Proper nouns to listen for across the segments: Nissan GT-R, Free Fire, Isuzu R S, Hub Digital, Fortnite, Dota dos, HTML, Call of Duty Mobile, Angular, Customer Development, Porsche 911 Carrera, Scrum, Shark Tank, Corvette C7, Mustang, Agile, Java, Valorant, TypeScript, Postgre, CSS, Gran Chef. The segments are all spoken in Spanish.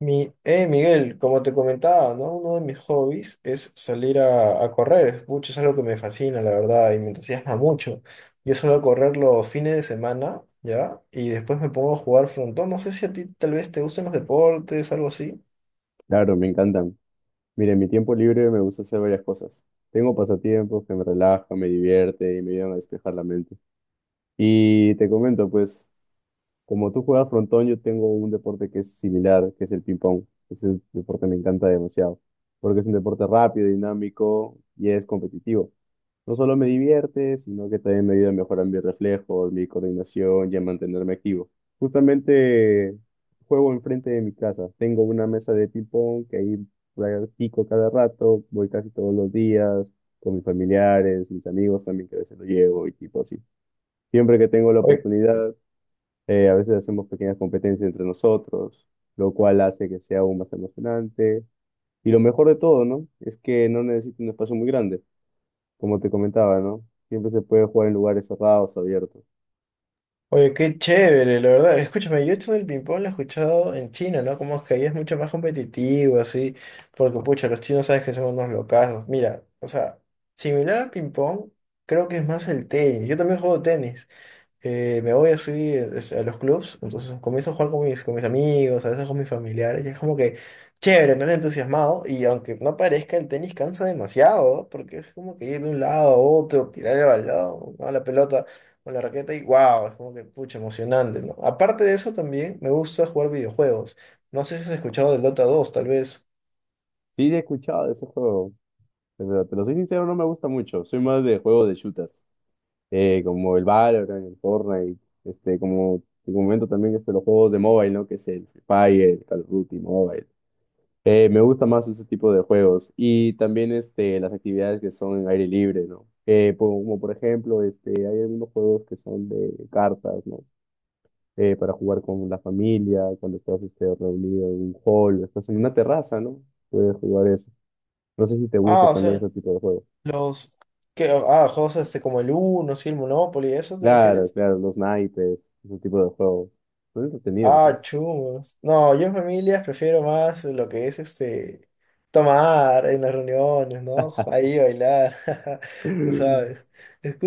Miguel, como te comentaba, ¿no? Uno de mis hobbies es salir a correr. Es algo que me fascina, la verdad, y me entusiasma mucho. Yo suelo correr los fines de semana, ¿ya? Y después me pongo a jugar frontón. No sé si a ti tal vez te gusten los deportes, algo así. Claro, me encantan. Mire, en mi tiempo libre me gusta hacer varias cosas. Tengo pasatiempos que me relajan, me divierten y me ayudan a despejar la mente. Y te comento, pues, como tú juegas frontón, yo tengo un deporte que es similar, que es el ping-pong. Ese deporte me encanta demasiado, porque es un deporte rápido, dinámico y es competitivo. No solo me divierte, sino que también me ayuda a mejorar mis reflejos, mi coordinación y a mantenerme activo. Justamente juego enfrente de mi casa. Tengo una mesa de ping-pong que ahí practico cada rato, voy casi todos los días con mis familiares, mis amigos también que a veces lo llevo y tipo así. Siempre que tengo la Oye, oportunidad, a veces hacemos pequeñas competencias entre nosotros, lo cual hace que sea aún más emocionante. Y lo mejor de todo, ¿no? Es que no necesita un espacio muy grande, como te comentaba, ¿no? Siempre se puede jugar en lugares cerrados, abiertos. oye, qué chévere, la verdad. Escúchame, yo esto del ping-pong lo he escuchado en China, ¿no? Como es que ahí es mucho más competitivo, así. Porque, pucha, los chinos sabes que son unos locazos. Mira, o sea, similar al ping-pong. Creo que es más el tenis. Yo también juego tenis. Me voy así a los clubs, entonces comienzo a jugar con mis amigos, a veces con mis familiares, y es como que chévere, no entusiasmado, y aunque no parezca, el tenis cansa demasiado, ¿no? Porque es como que ir de un lado a otro, tirar el balón, ¿no? La pelota con la raqueta, y wow, es como que pucha, emocionante, ¿no? Aparte de eso, también me gusta jugar videojuegos. No sé si has escuchado del Dota dos tal vez. Sí, he escuchado de ese juego, pero te lo soy sincero, no me gusta mucho. Soy más de juegos de shooters, como el Valorant, el Fortnite, como te comento también, los juegos de mobile, ¿no? Que es el Free Fire, el Call of Duty Mobile. Me gusta más ese tipo de juegos y también, las actividades que son en aire libre, ¿no? Como por ejemplo, hay algunos juegos que son de cartas, ¿no? Para jugar con la familia, cuando estás, reunido en un hall, o estás en una terraza, ¿no? Puedes jugar eso. No sé si te gusta Ah, o también sea, ese tipo de juegos. los... que Ah, juegos este, como el Uno, sí, el Monopoly, ¿a eso te Claro, refieres? claro, los naipes, ese tipo de juegos. Son entretenidos, ¿no? Ah, chumos. No, yo en familias prefiero más lo que es este tomar en las reuniones, ¿no? Ahí bailar, tú sabes.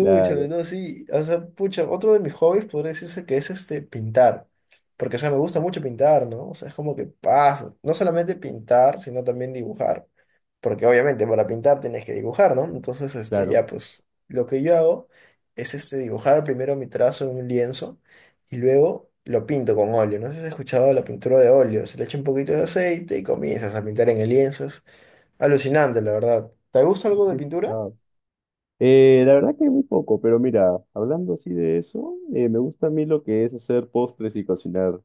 Claro, no, sí. O sea, pucha, otro de mis hobbies podría decirse que es este pintar. Porque, o sea, me gusta mucho pintar, ¿no? O sea, es como que pasa. No solamente pintar, sino también dibujar. Porque obviamente para pintar tienes que dibujar, ¿no? Entonces, este, claro. ya, pues, lo que yo hago es este dibujar primero mi trazo en un lienzo y luego lo pinto con óleo. No sé si has escuchado la pintura de óleo. Se le echa un poquito de aceite y comienzas a pintar en el lienzo. Es alucinante, la verdad. ¿Te gusta Sí, algo he de pintura? escuchado. La verdad que muy poco, pero mira, hablando así de eso, me gusta a mí lo que es hacer postres y cocinar.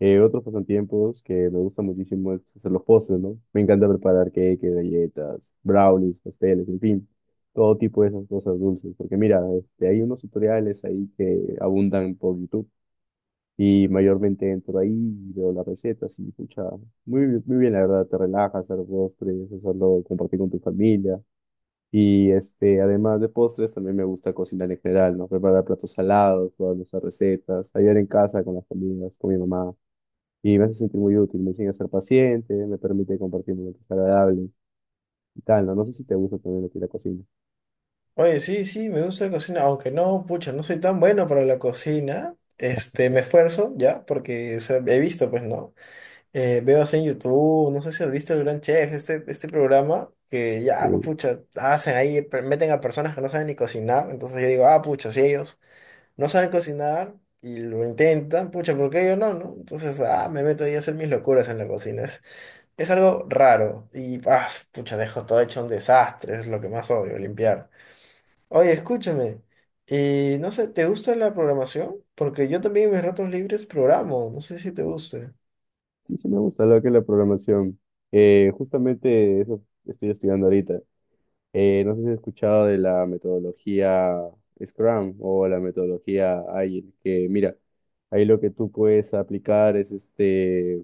Otros pasatiempos que me gusta muchísimo es hacer los postres, ¿no? Me encanta preparar cake, galletas, brownies, pasteles, en fin, todo tipo de esas cosas dulces. Porque mira, hay unos tutoriales ahí que abundan por YouTube y mayormente entro ahí y veo las recetas y, pucha, muy, muy bien, la verdad, te relajas hacer postres, hacerlo, compartir con tu familia. Y, además de postres, también me gusta cocinar en general, ¿no? Preparar platos salados, probar nuestras recetas, ayudar en casa con las comidas, con mi mamá. Y me hace sentir muy útil, me enseña a ser paciente, me permite compartir momentos agradables y tal, ¿no? No sé si te gusta también lo que es la cocina. Oye, sí, sí, me gusta la cocina, aunque no, pucha, no soy tan bueno para la cocina. Este, me esfuerzo ya, porque o sea, he visto, pues, ¿no? Veo así en YouTube, no sé si has visto el Gran Chef, este programa que ya, Eh, pues, pucha, hacen ahí, meten a personas que no saben ni cocinar, entonces yo digo, ah, pucha, si ellos no saben cocinar y lo intentan, pucha, ¿por qué yo no, no? Entonces, ah, me meto ahí a hacer mis locuras en la cocina. Es algo raro y, ah, pucha, dejo todo hecho un desastre, es lo que más odio, limpiar. Oye, escúchame, y no sé, ¿te gusta la programación? Porque yo también en mis ratos libres programo, no sé si te guste. sí, sí me gusta lo que es la programación. Justamente eso estoy estudiando ahorita. No sé si has escuchado de la metodología Scrum o la metodología Agile, que mira, ahí lo que tú puedes aplicar es,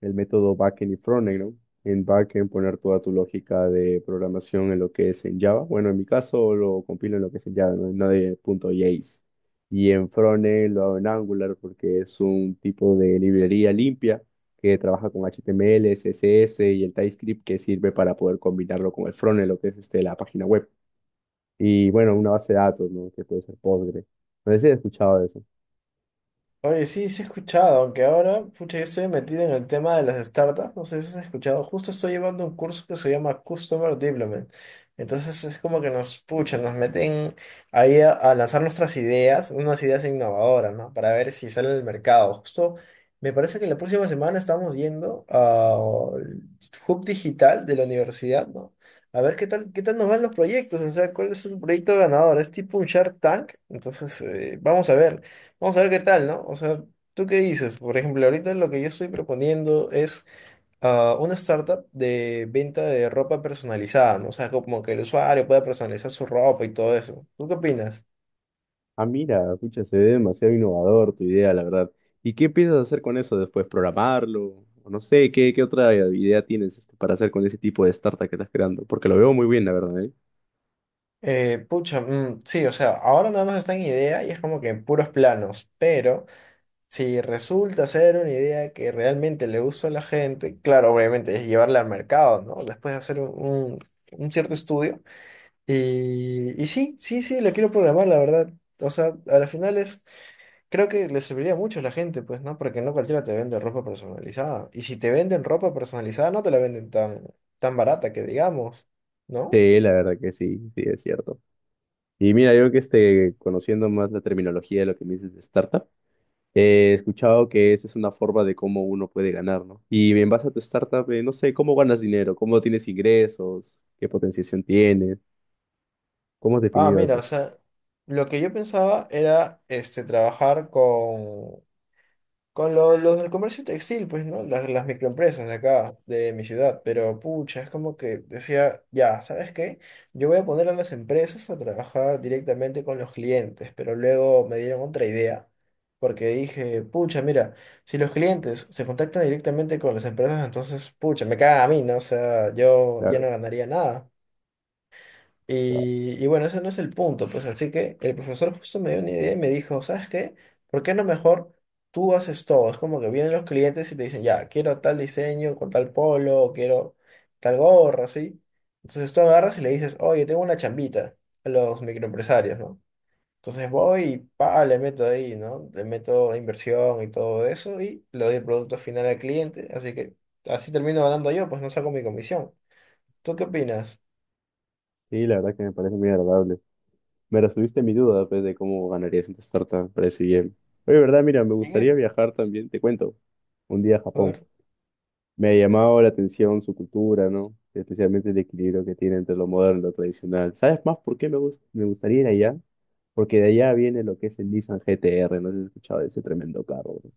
el método backend y frontend, ¿no? En backend poner toda tu lógica de programación en lo que es en Java. Bueno, en mi caso lo compilo en lo que es en Java, no, no de punto .js. Y en frontend lo hago en Angular porque es un tipo de librería limpia que trabaja con HTML, CSS y el TypeScript que sirve para poder combinarlo con el frontend, lo que es, la página web. Y bueno, una base de datos, ¿no? Que puede ser Postgre. No sé si he escuchado de eso. Oye, sí, sí he escuchado, aunque ahora, pucha, yo estoy metido en el tema de las startups, no sé si has escuchado, justo estoy llevando un curso que se llama Customer Development. Entonces es como que nos puchan, nos meten ahí a lanzar nuestras ideas, unas ideas innovadoras, ¿no? Para ver si sale al mercado. Justo me parece que la próxima semana estamos yendo al Hub Digital de la universidad, ¿no? A ver qué tal nos van los proyectos, o sea, cuál es el proyecto ganador. Es tipo un Shark Tank, entonces vamos a ver. Vamos a ver qué tal, ¿no? O sea, ¿tú qué dices? Por ejemplo, ahorita lo que yo estoy proponiendo es una startup de venta de ropa personalizada, ¿no? O sea, como que el usuario pueda personalizar su ropa y todo eso. ¿Tú qué opinas? Ah, mira, escucha, se ve demasiado innovador tu idea, la verdad. ¿Y qué piensas hacer con eso después? ¿Programarlo? O no sé, ¿qué otra idea tienes, para hacer con ese tipo de startup que estás creando? Porque lo veo muy bien, la verdad, ¿eh? Sí, o sea, ahora nada más está en idea y es como que en puros planos, pero si resulta ser una idea que realmente le gusta a la gente, claro, obviamente es llevarla al mercado, ¿no? Después de hacer un un cierto estudio. Sí, sí, sí, lo quiero programar, la verdad. O sea, a la final es, creo que le serviría mucho a la gente, pues, ¿no? Porque no cualquiera te vende ropa personalizada. Y si te venden ropa personalizada, no te la venden tan barata que digamos, ¿no? Sí, la verdad que sí, sí, es cierto. Y mira, yo que esté conociendo más la terminología de lo que me dices de startup, he escuchado que esa es una forma de cómo uno puede ganar, ¿no? Y en base a tu startup, no sé, ¿cómo ganas dinero? ¿Cómo tienes ingresos? ¿Qué potenciación tienes? ¿Cómo has Ah, definido mira, o eso? sea, lo que yo pensaba era, este, trabajar con. Con los del comercio textil, pues, ¿no? Las microempresas de acá, de mi ciudad. Pero, pucha, es como que decía, ya, ¿sabes qué? Yo voy a poner a las empresas a trabajar directamente con los clientes, pero luego me dieron otra idea. Porque dije, pucha, mira, si los clientes se contactan directamente con las empresas, entonces, pucha, me caga a mí, ¿no? O sea, yo ya no Claro, ganaría nada. claro. Y bueno, ese no es el punto, pues así que el profesor justo me dio una idea y me dijo, ¿sabes qué? ¿Por qué no mejor tú haces todo? Es como que vienen los clientes y te dicen, ya, quiero tal diseño con tal polo, quiero tal gorra, ¿sí? Entonces tú agarras y le dices, oye, tengo una chambita a los microempresarios, ¿no? Entonces voy y pa, le meto ahí, ¿no? Le meto inversión y todo eso y le doy el producto final al cliente, así que así termino ganando yo, pues no saco mi comisión. ¿Tú qué opinas? Sí, la verdad que me parece muy agradable. Me resolviste mi duda, pues, de cómo ganarías en tu startup. Me parece bien. Oye, ¿verdad? Mira, me gustaría Miguel, viajar también, te cuento, un día a a Japón. ver. Me ha llamado la atención su cultura, ¿no? Especialmente el equilibrio que tiene entre lo moderno y lo tradicional. ¿Sabes más por qué me gustaría ir allá? Porque de allá viene lo que es el Nissan GT-R, no sé si has escuchado de ese tremendo carro. Bro.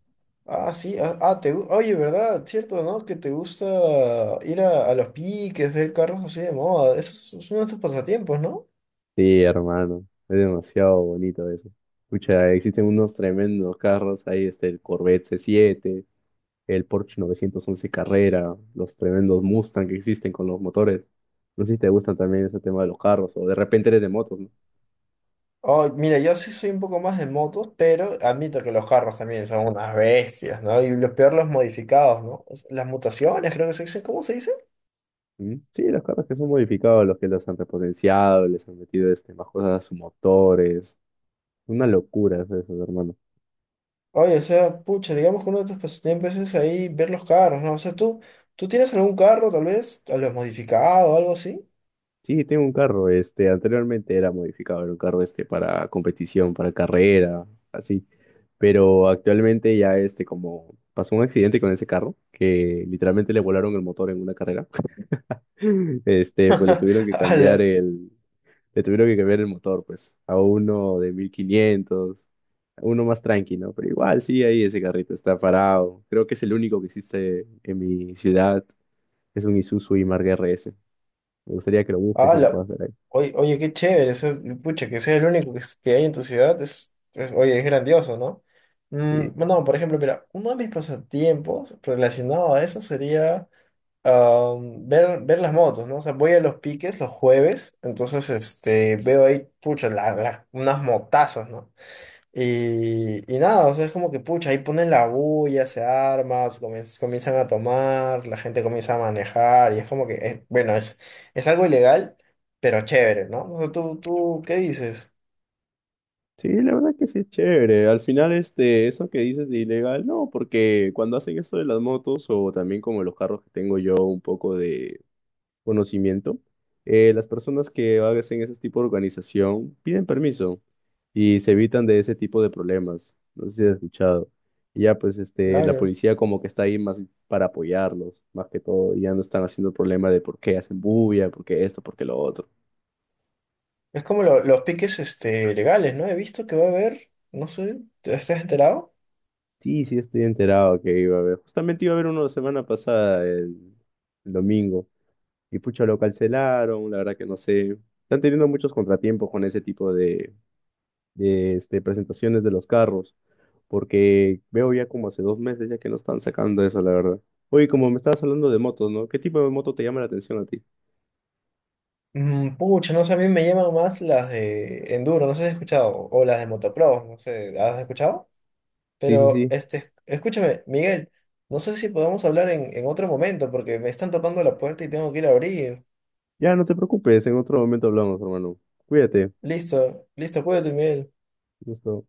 Ah, sí, ah, ah, te, oye, ¿verdad? Cierto, ¿no? Que te gusta ir a los piques, ver carros así de moda. Eso es uno de tus pasatiempos, ¿no? Sí, hermano, es demasiado bonito eso. Escucha, existen unos tremendos carros, ahí está el Corvette C7, el Porsche 911 Carrera, los tremendos Mustang que existen con los motores. No sé si te gustan también ese tema de los carros, o de repente eres de motos, ¿no? Oh, mira, yo sí soy un poco más de motos, pero admito que los carros también son unas bestias, ¿no? Y lo peor, los modificados, ¿no? O las mutaciones, creo que se dicen, ¿cómo se dice? Mm, sí, los carros que son modificados, los que los han repotenciado, les han metido, más cosas a sus motores. Una locura es eso, hermano. Oye, o sea, pucha, digamos que uno de tus pasatiempos es ahí ver los carros, ¿no? O sea, tú tienes algún carro, tal vez, a lo modificado o algo así. Sí, tengo un carro, anteriormente era modificado, era un carro este para competición, para carrera, así. Pero actualmente ya, como pasó un accidente con ese carro, que literalmente le volaron el motor en una carrera, pues Ala. Le tuvieron que cambiar el motor, pues, a uno de 1500, uno más tranqui, ¿no? Pero igual sí, ahí ese carrito está parado. Creo que es el único que existe en mi ciudad, es un Isuzu y R S. Me gustaría que lo busques Ah, y lo puedas ver ahí. Oye, qué chévere, pucha, que sea el único que, que hay en tu ciudad, es- oye, es grandioso, ¿no? Mm, Sí. no, por ejemplo, mira, uno de mis pasatiempos relacionado a eso sería ver las motos, ¿no? O sea, voy a los piques los jueves, entonces este, veo ahí, pucha, unas motazas, ¿no? Y nada, o sea, es como que pucha, ahí ponen la bulla, se arma, se comien comienzan a tomar, la gente comienza a manejar, y es como que, es- bueno, es algo ilegal, pero chévere, ¿no? O sea, ¿tú, tú qué dices? Sí, la verdad que sí es chévere. Al final, eso que dices de ilegal, no, porque cuando hacen eso de las motos o también como los carros que tengo yo un poco de conocimiento, las personas que hacen ese tipo de organización piden permiso y se evitan de ese tipo de problemas. No sé si has escuchado. Y ya, pues, la Claro. policía como que está ahí más para apoyarlos, más que todo, y ya no están haciendo el problema de por qué hacen bulla, por qué esto, por qué lo otro. Es como los piques este, legales, ¿no? He visto que va a haber, no sé, ¿te estás enterado? Sí, sí, estoy enterado que iba a haber. Justamente iba a haber uno la semana pasada, el domingo. Y pucha, lo cancelaron, la verdad que no sé. Están teniendo muchos contratiempos con ese tipo de presentaciones de los carros, porque veo ya como hace 2 meses ya que no están sacando eso, la verdad. Oye, como me estabas hablando de motos, ¿no? ¿Qué tipo de moto te llama la atención a ti? Mm, pucha, no sé, a mí me llaman más las de enduro, no sé si has escuchado, o las de motocross, no sé, ¿has escuchado? Sí, sí, Pero, sí. este, escúchame, Miguel, no sé si podemos hablar en otro momento porque me están tocando la puerta y tengo que ir a abrir. Ya, no te preocupes, en otro momento hablamos, hermano. Cuídate. Listo, listo, cuídate, Miguel. Gusto.